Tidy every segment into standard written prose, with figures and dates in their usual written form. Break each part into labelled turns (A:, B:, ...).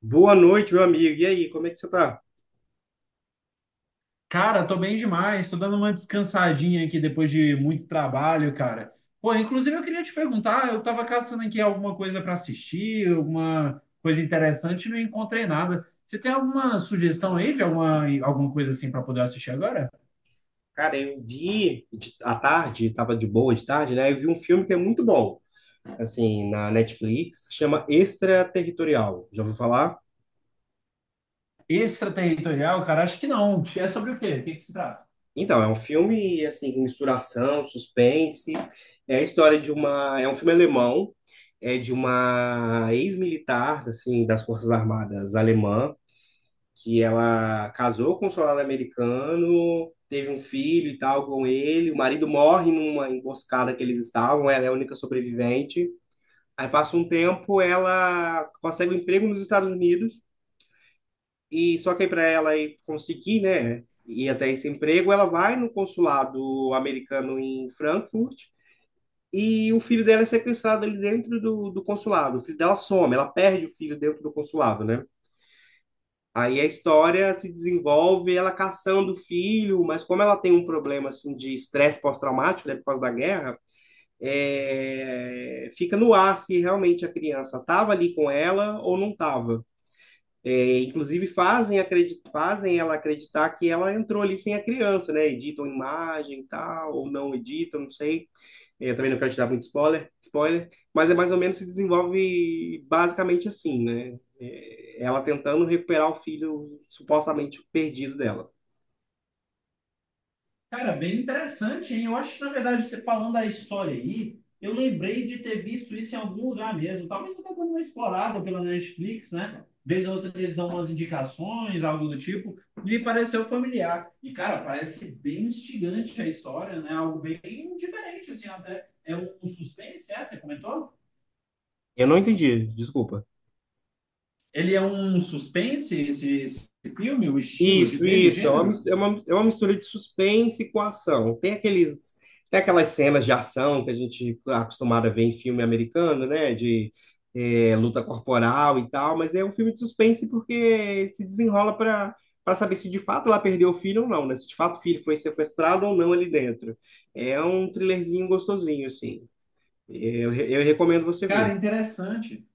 A: Boa noite, meu amigo. E aí, como é que você tá?
B: Cara, tô bem demais, tô dando uma descansadinha aqui depois de muito trabalho, cara. Pô, inclusive eu queria te perguntar, eu tava caçando aqui alguma coisa para assistir, alguma coisa interessante e não encontrei nada. Você tem alguma sugestão aí de alguma coisa assim para poder assistir agora?
A: Cara, eu vi à tarde, tava de boa de tarde, né? Eu vi um filme que é muito bom, assim, na Netflix, chama Extraterritorial. Já ouviu falar?
B: Extraterritorial, cara, acho que não. É sobre o quê? O que que se trata?
A: Então, é um filme, assim, com misturação, suspense. É a história de uma. É um filme alemão, é de uma ex-militar, assim, das Forças Armadas alemã que ela casou com um soldado americano, teve um filho e tal com ele, o marido morre numa emboscada que eles estavam, ela é a única sobrevivente. Aí passa um tempo, ela consegue um emprego nos Estados Unidos e só que para ela ir conseguir, né, ir até esse emprego, ela vai no consulado americano em Frankfurt. E o filho dela é sequestrado ali dentro do consulado. O filho dela some, ela perde o filho dentro do consulado, né? Aí a história se desenvolve ela caçando o filho, mas como ela tem um problema assim de estresse pós-traumático, né, por causa da guerra, fica no ar se realmente a criança estava ali com ela ou não estava. É, inclusive fazem, acredit fazem ela acreditar que ela entrou ali sem a criança, né? Editam imagem e tal, ou não editam, não sei. Eu também não quero te dar muito spoiler, mas é mais ou menos se desenvolve basicamente assim, né? Ela tentando recuperar o filho supostamente perdido dela.
B: Cara, bem interessante, hein? Eu acho que, na verdade, você falando da história aí, eu lembrei de ter visto isso em algum lugar mesmo. Talvez até dando uma explorada pela Netflix, né? Vez ou outra eles dão umas indicações, algo do tipo. Me pareceu familiar. E, cara, parece bem instigante a história, né? Algo bem diferente, assim, até. É um suspense, é? Você comentou?
A: Eu não entendi, desculpa.
B: Ele é um suspense, esse filme, o estilo de
A: Isso,
B: dele, o
A: isso. É uma,
B: gênero?
A: é uma, é uma mistura de suspense com ação. Tem aquelas cenas de ação que a gente está acostumado a ver em filme americano, né? Luta corporal e tal, mas é um filme de suspense porque se desenrola para saber se de fato ela perdeu o filho ou não, né? Se de fato o filho foi sequestrado ou não ali dentro. É um thrillerzinho gostosinho, assim. Eu recomendo você
B: Cara,
A: ver.
B: interessante.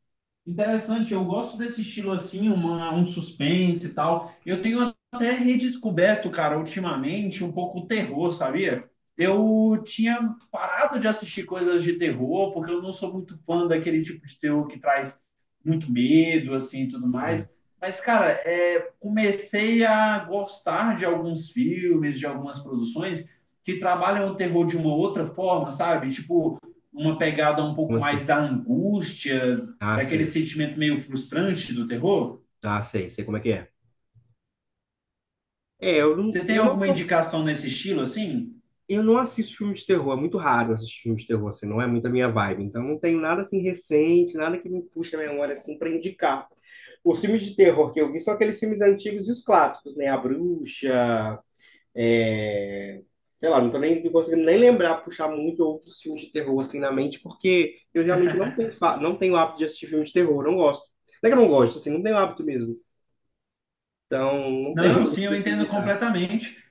B: Interessante, eu gosto desse estilo assim, um suspense e tal. Eu tenho até redescoberto, cara, ultimamente, um pouco o terror, sabia? Eu tinha parado de assistir coisas de terror, porque eu não sou muito fã daquele tipo de terror que traz muito medo, assim, e tudo
A: É.
B: mais. Mas, cara, comecei a gostar de alguns filmes, de algumas produções que trabalham o terror de uma outra forma, sabe? Tipo, uma pegada um pouco
A: Como
B: mais
A: assim?
B: da angústia,
A: Ah,
B: daquele
A: sim.
B: sentimento meio frustrante do terror?
A: Ah, sei. Sei como é que é.
B: Você tem
A: Eu não
B: alguma
A: sou
B: indicação nesse estilo assim?
A: eu não assisto filme de terror, é muito raro assistir filme de terror, assim, não é muito a minha vibe. Então não tenho nada assim recente, nada que me puxe a memória assim para indicar. Os filmes de terror que eu vi são aqueles filmes antigos e os clássicos, né? A Bruxa, é, sei lá, não tô nem não conseguindo nem lembrar, puxar muito outros filmes de terror assim na mente, porque eu realmente não tenho hábito de assistir filme de terror, não gosto. Não é que eu não gosto, assim, não tenho hábito mesmo. Então, não
B: Não,
A: tenho,
B: sim, eu
A: não te
B: entendo
A: indicar.
B: completamente.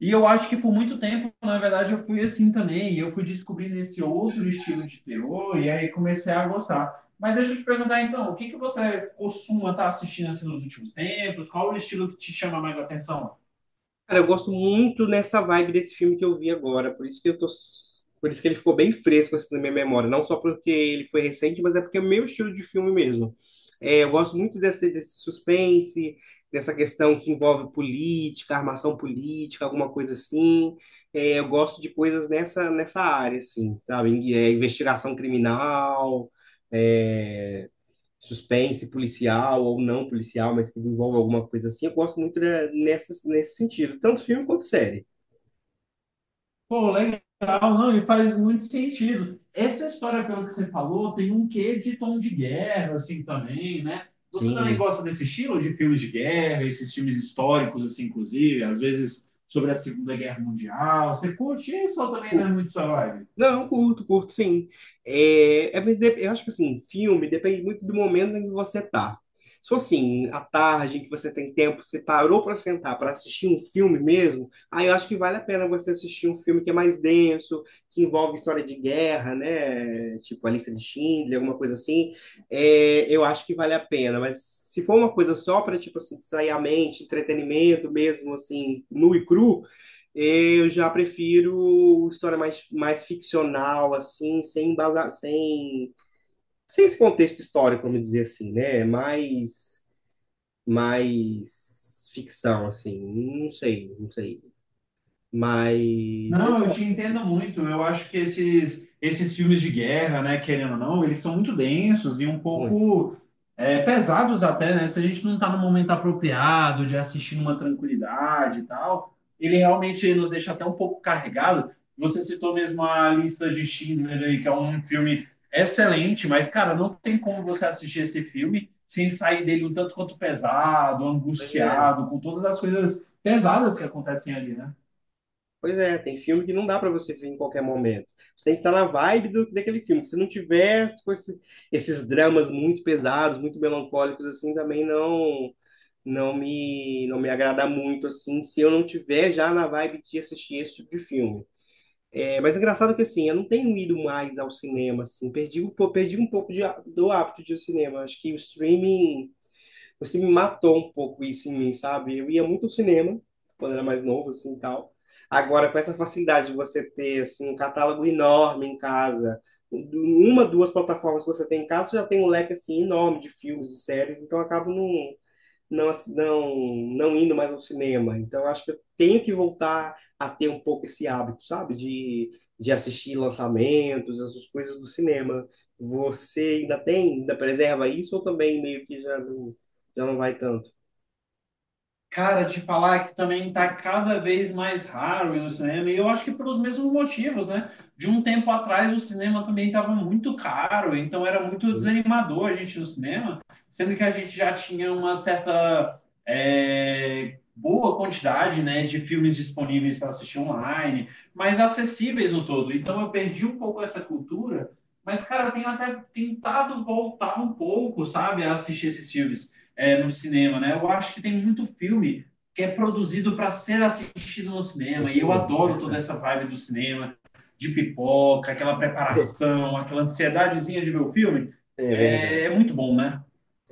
B: E eu acho que por muito tempo, na verdade, eu fui assim também. E eu fui descobrindo esse outro estilo de terror e aí comecei a gostar. Mas deixa eu te perguntar então, o que que você costuma estar assistindo assim nos últimos tempos? Qual o estilo que te chama mais a atenção?
A: Cara, eu gosto muito nessa vibe desse filme que eu vi agora, por isso que eu tô, por isso que ele ficou bem fresco assim na minha memória, não só porque ele foi recente, mas é porque é o meu estilo de filme mesmo. Eu gosto muito desse suspense, dessa questão que envolve política, armação política, alguma coisa assim. Eu gosto de coisas nessa área assim, sabe? Investigação criminal, é, suspense policial ou não policial, mas que envolve alguma coisa assim. Eu gosto muito de, nessa, nesse sentido, tanto filme quanto série.
B: Pô, legal, não, e faz muito sentido. Essa história, pelo que você falou, tem um quê de tom de guerra, assim, também, né? Você também
A: Sim.
B: gosta desse estilo de filmes de guerra, esses filmes históricos, assim, inclusive, às vezes sobre a Segunda Guerra Mundial. Você curte isso ou também não é muito sua vibe?
A: Não, curto, curto, sim. Mas eu acho que assim, filme depende muito do momento em que você tá. Se for assim, à tarde, em que você tem tempo, você parou para sentar para assistir um filme mesmo, aí eu acho que vale a pena você assistir um filme que é mais denso, que envolve história de guerra, né? Tipo a lista de Schindler, alguma coisa assim. Eu acho que vale a pena. Mas se for uma coisa só para, tipo assim, distrair a mente, entretenimento mesmo, assim, nu e cru. Eu já prefiro história mais ficcional, assim, sem embasar, sem, sem esse contexto histórico, vamos dizer assim, né? Mais ficção, assim. Não sei, não sei. Mas eu
B: Não, eu te
A: gosto
B: entendo muito. Eu acho que esses filmes de guerra, né, querendo ou não, eles são muito densos e um
A: muito.
B: pouco pesados até, né? Se a gente não está no momento apropriado de assistir numa tranquilidade e tal, ele realmente nos deixa até um pouco carregado. Você citou mesmo a lista de Schindler aí, que é um filme excelente, mas, cara, não tem como você assistir esse filme sem sair dele um tanto quanto pesado,
A: Pois é,
B: angustiado, com todas as coisas pesadas que acontecem ali, né?
A: pois é, tem filme que não dá para você ver em qualquer momento. Você tem que estar na vibe daquele filme. Se não tiver, se fosse esses dramas muito pesados, muito melancólicos, assim, também não. Não me agrada muito assim, se eu não tiver já na vibe de assistir esse tipo de filme. É, mas é engraçado que assim, eu não tenho ido mais ao cinema assim, perdi um pouco do hábito de ir ao cinema. Acho que o streaming matou um pouco isso em mim, sabe? Eu ia muito ao cinema quando era mais novo assim, e tal. Agora com essa facilidade de você ter assim um catálogo enorme em casa, uma, duas plataformas que você tem em casa, você já tem um leque assim enorme de filmes e séries, então eu acabo não indo mais ao cinema. Então, eu acho que eu tenho que voltar a ter um pouco esse hábito, sabe? De assistir lançamentos, essas coisas do cinema. Você ainda tem, ainda preserva isso ou também meio que já não vai tanto
B: Cara, te falar que também está cada vez mais raro ir no cinema, e eu acho que pelos mesmos motivos, né? De um tempo atrás o cinema também estava muito caro, então era muito
A: no
B: desanimador a gente ir no cinema, sendo que a gente já tinha uma certa boa quantidade, né, de filmes disponíveis para assistir online, mas acessíveis no todo. Então eu perdi um pouco essa cultura, mas, cara, eu tenho até tentado voltar um pouco, sabe, a assistir esses filmes no cinema, né? Eu acho que tem muito filme que é produzido para ser assistido no
A: no
B: cinema, e eu
A: cinema?
B: adoro toda
A: Verdade.
B: essa vibe do cinema, de pipoca, aquela preparação, aquela ansiedadezinha de ver o filme.
A: É
B: É,
A: verdade.
B: é muito bom, né?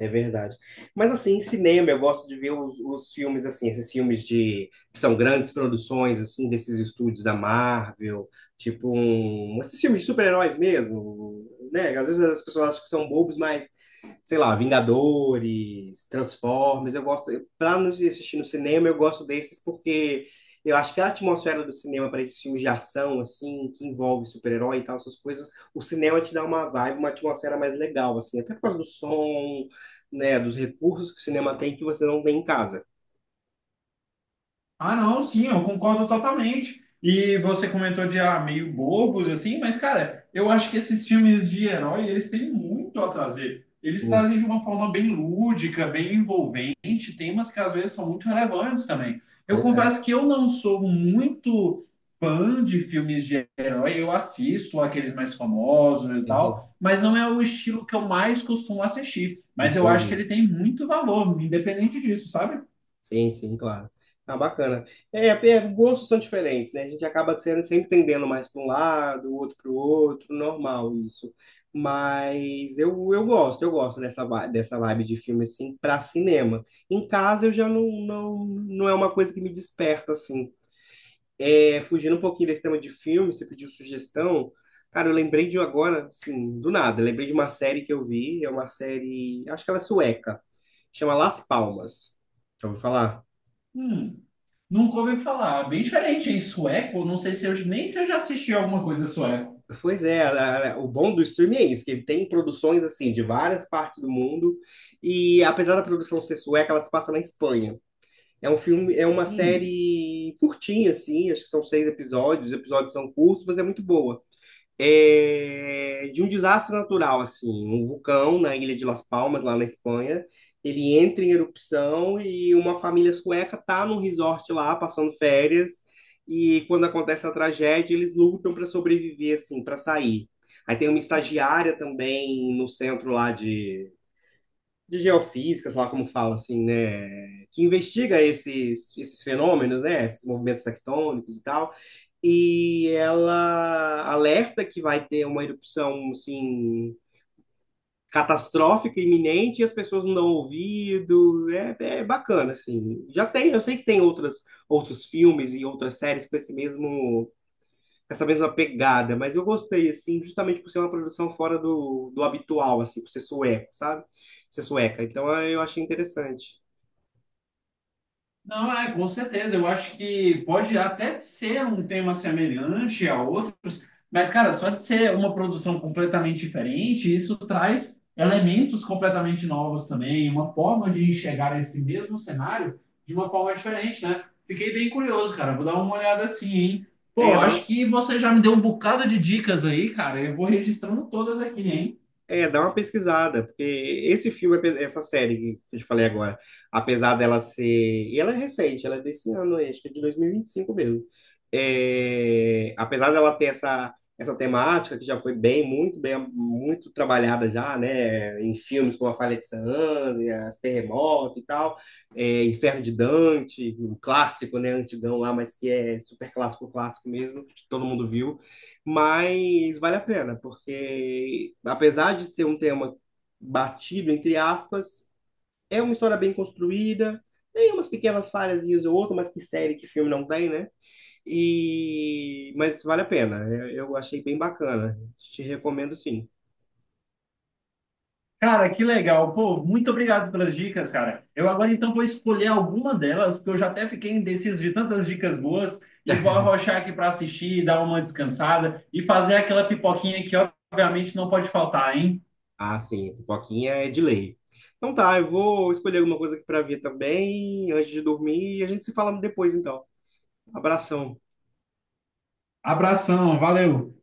A: É verdade. Mas assim, em cinema eu gosto de ver os filmes assim, esses filmes de que são grandes produções assim desses estúdios da Marvel, tipo um, esses filmes de super-heróis mesmo, né? Às vezes as pessoas acham que são bobos, mas sei lá, Vingadores, Transformers, eu gosto, para não assistir no cinema, eu gosto desses porque eu acho que a atmosfera do cinema para esses filmes de ação assim, que envolve super-herói e tal, essas coisas, o cinema te dá uma vibe, uma atmosfera mais legal assim, até por causa do som né, dos recursos que o cinema tem que você não tem em casa.
B: Ah, não, sim, eu concordo totalmente. E você comentou de meio bobos, assim, mas, cara, eu acho que esses filmes de herói, eles têm muito a trazer. Eles
A: Muito.
B: trazem de uma forma bem lúdica, bem envolvente, temas que às vezes são muito relevantes também. Eu
A: Pois é,
B: confesso que eu não sou muito fã de filmes de herói, eu assisto aqueles mais famosos e
A: entendi.
B: tal, mas não é o estilo que eu mais costumo assistir. Mas eu acho que
A: Entendi.
B: ele tem muito valor, independente disso, sabe?
A: Sim, sim, claro. Ah, bacana. Gostos são diferentes, né? A gente acaba sendo sempre tendendo mais para um lado, o outro para o outro, normal isso. Eu gosto dessa vibe de filme assim para cinema. Em casa eu já não é uma coisa que me desperta assim. É, fugindo um pouquinho desse tema de filme, você pediu sugestão. Cara, eu lembrei de um agora, assim, do nada. Lembrei de uma série que eu vi, é uma série, acho que ela é sueca, chama Las Palmas. Já ouviu falar?
B: Hum. Nunca ouvi falar. Bem diferente, em sueco, não sei se eu já assisti alguma coisa sueco.
A: Pois é, o bom do streaming é isso, que ele tem produções, assim, de várias partes do mundo, e apesar da produção ser sueca, ela se passa na Espanha. É um filme, é uma
B: Hum.
A: série curtinha, assim, acho que são seis episódios, os episódios são curtos, mas é muito boa. É, de um desastre natural, assim, um vulcão na ilha de Las Palmas, lá na Espanha, ele entra em erupção e uma família sueca tá num resort lá, passando férias, e quando acontece a tragédia, eles lutam para sobreviver, assim, para sair. Aí tem uma estagiária também no centro lá de geofísicas, lá como fala, assim, né, que investiga esses fenômenos, né, esses movimentos tectônicos e tal, e ela alerta que vai ter uma erupção assim catastrófica iminente e as pessoas não dão ouvido. É, é bacana assim. Já tem, eu sei que tem outras outros filmes e outras séries com esse mesmo com essa mesma pegada, mas eu gostei assim, justamente por ser uma produção fora do habitual assim, por ser sueco, sabe? Ser sueca. Então eu achei interessante.
B: Não, é, com certeza. Eu acho que pode até ser um tema semelhante a outros, mas, cara, só de ser uma produção completamente diferente, isso traz elementos completamente novos também, uma forma de enxergar esse mesmo cenário de uma forma diferente, né? Fiquei bem curioso, cara. Vou dar uma olhada assim, hein? Pô,
A: É, dá
B: acho
A: uma
B: que você já me deu um bocado de dicas aí, cara. Eu vou registrando todas aqui, hein?
A: É, dá uma pesquisada, porque esse filme, essa série que eu te falei agora, apesar dela ser. E ela é recente, ela é desse ano, acho que é de 2025 mesmo. É, apesar dela ter essa, essa temática que já foi muito trabalhada já, né? Em filmes como A Falha de San Andreas, Terremoto e tal, é, Inferno de Dante, um clássico, né? Antigão lá, mas que é super clássico, clássico mesmo, que todo mundo viu. Mas vale a pena, porque apesar de ser um tema batido, entre aspas, é uma história bem construída, tem umas pequenas falhazinhas ou outra, mas que série, que filme não tem, né? E... mas vale a pena, eu achei bem bacana, te recomendo sim.
B: Cara, que legal. Pô, muito obrigado pelas dicas, cara. Eu agora então vou escolher alguma delas, porque eu já até fiquei indeciso de tantas dicas boas e vou arrochar aqui para assistir, dar uma descansada e fazer aquela pipoquinha que obviamente não pode faltar, hein?
A: Ah, sim, Pipoquinha é de lei. Então tá, eu vou escolher alguma coisa aqui para ver também, antes de dormir, e a gente se fala depois então. Abração.
B: Abração, valeu.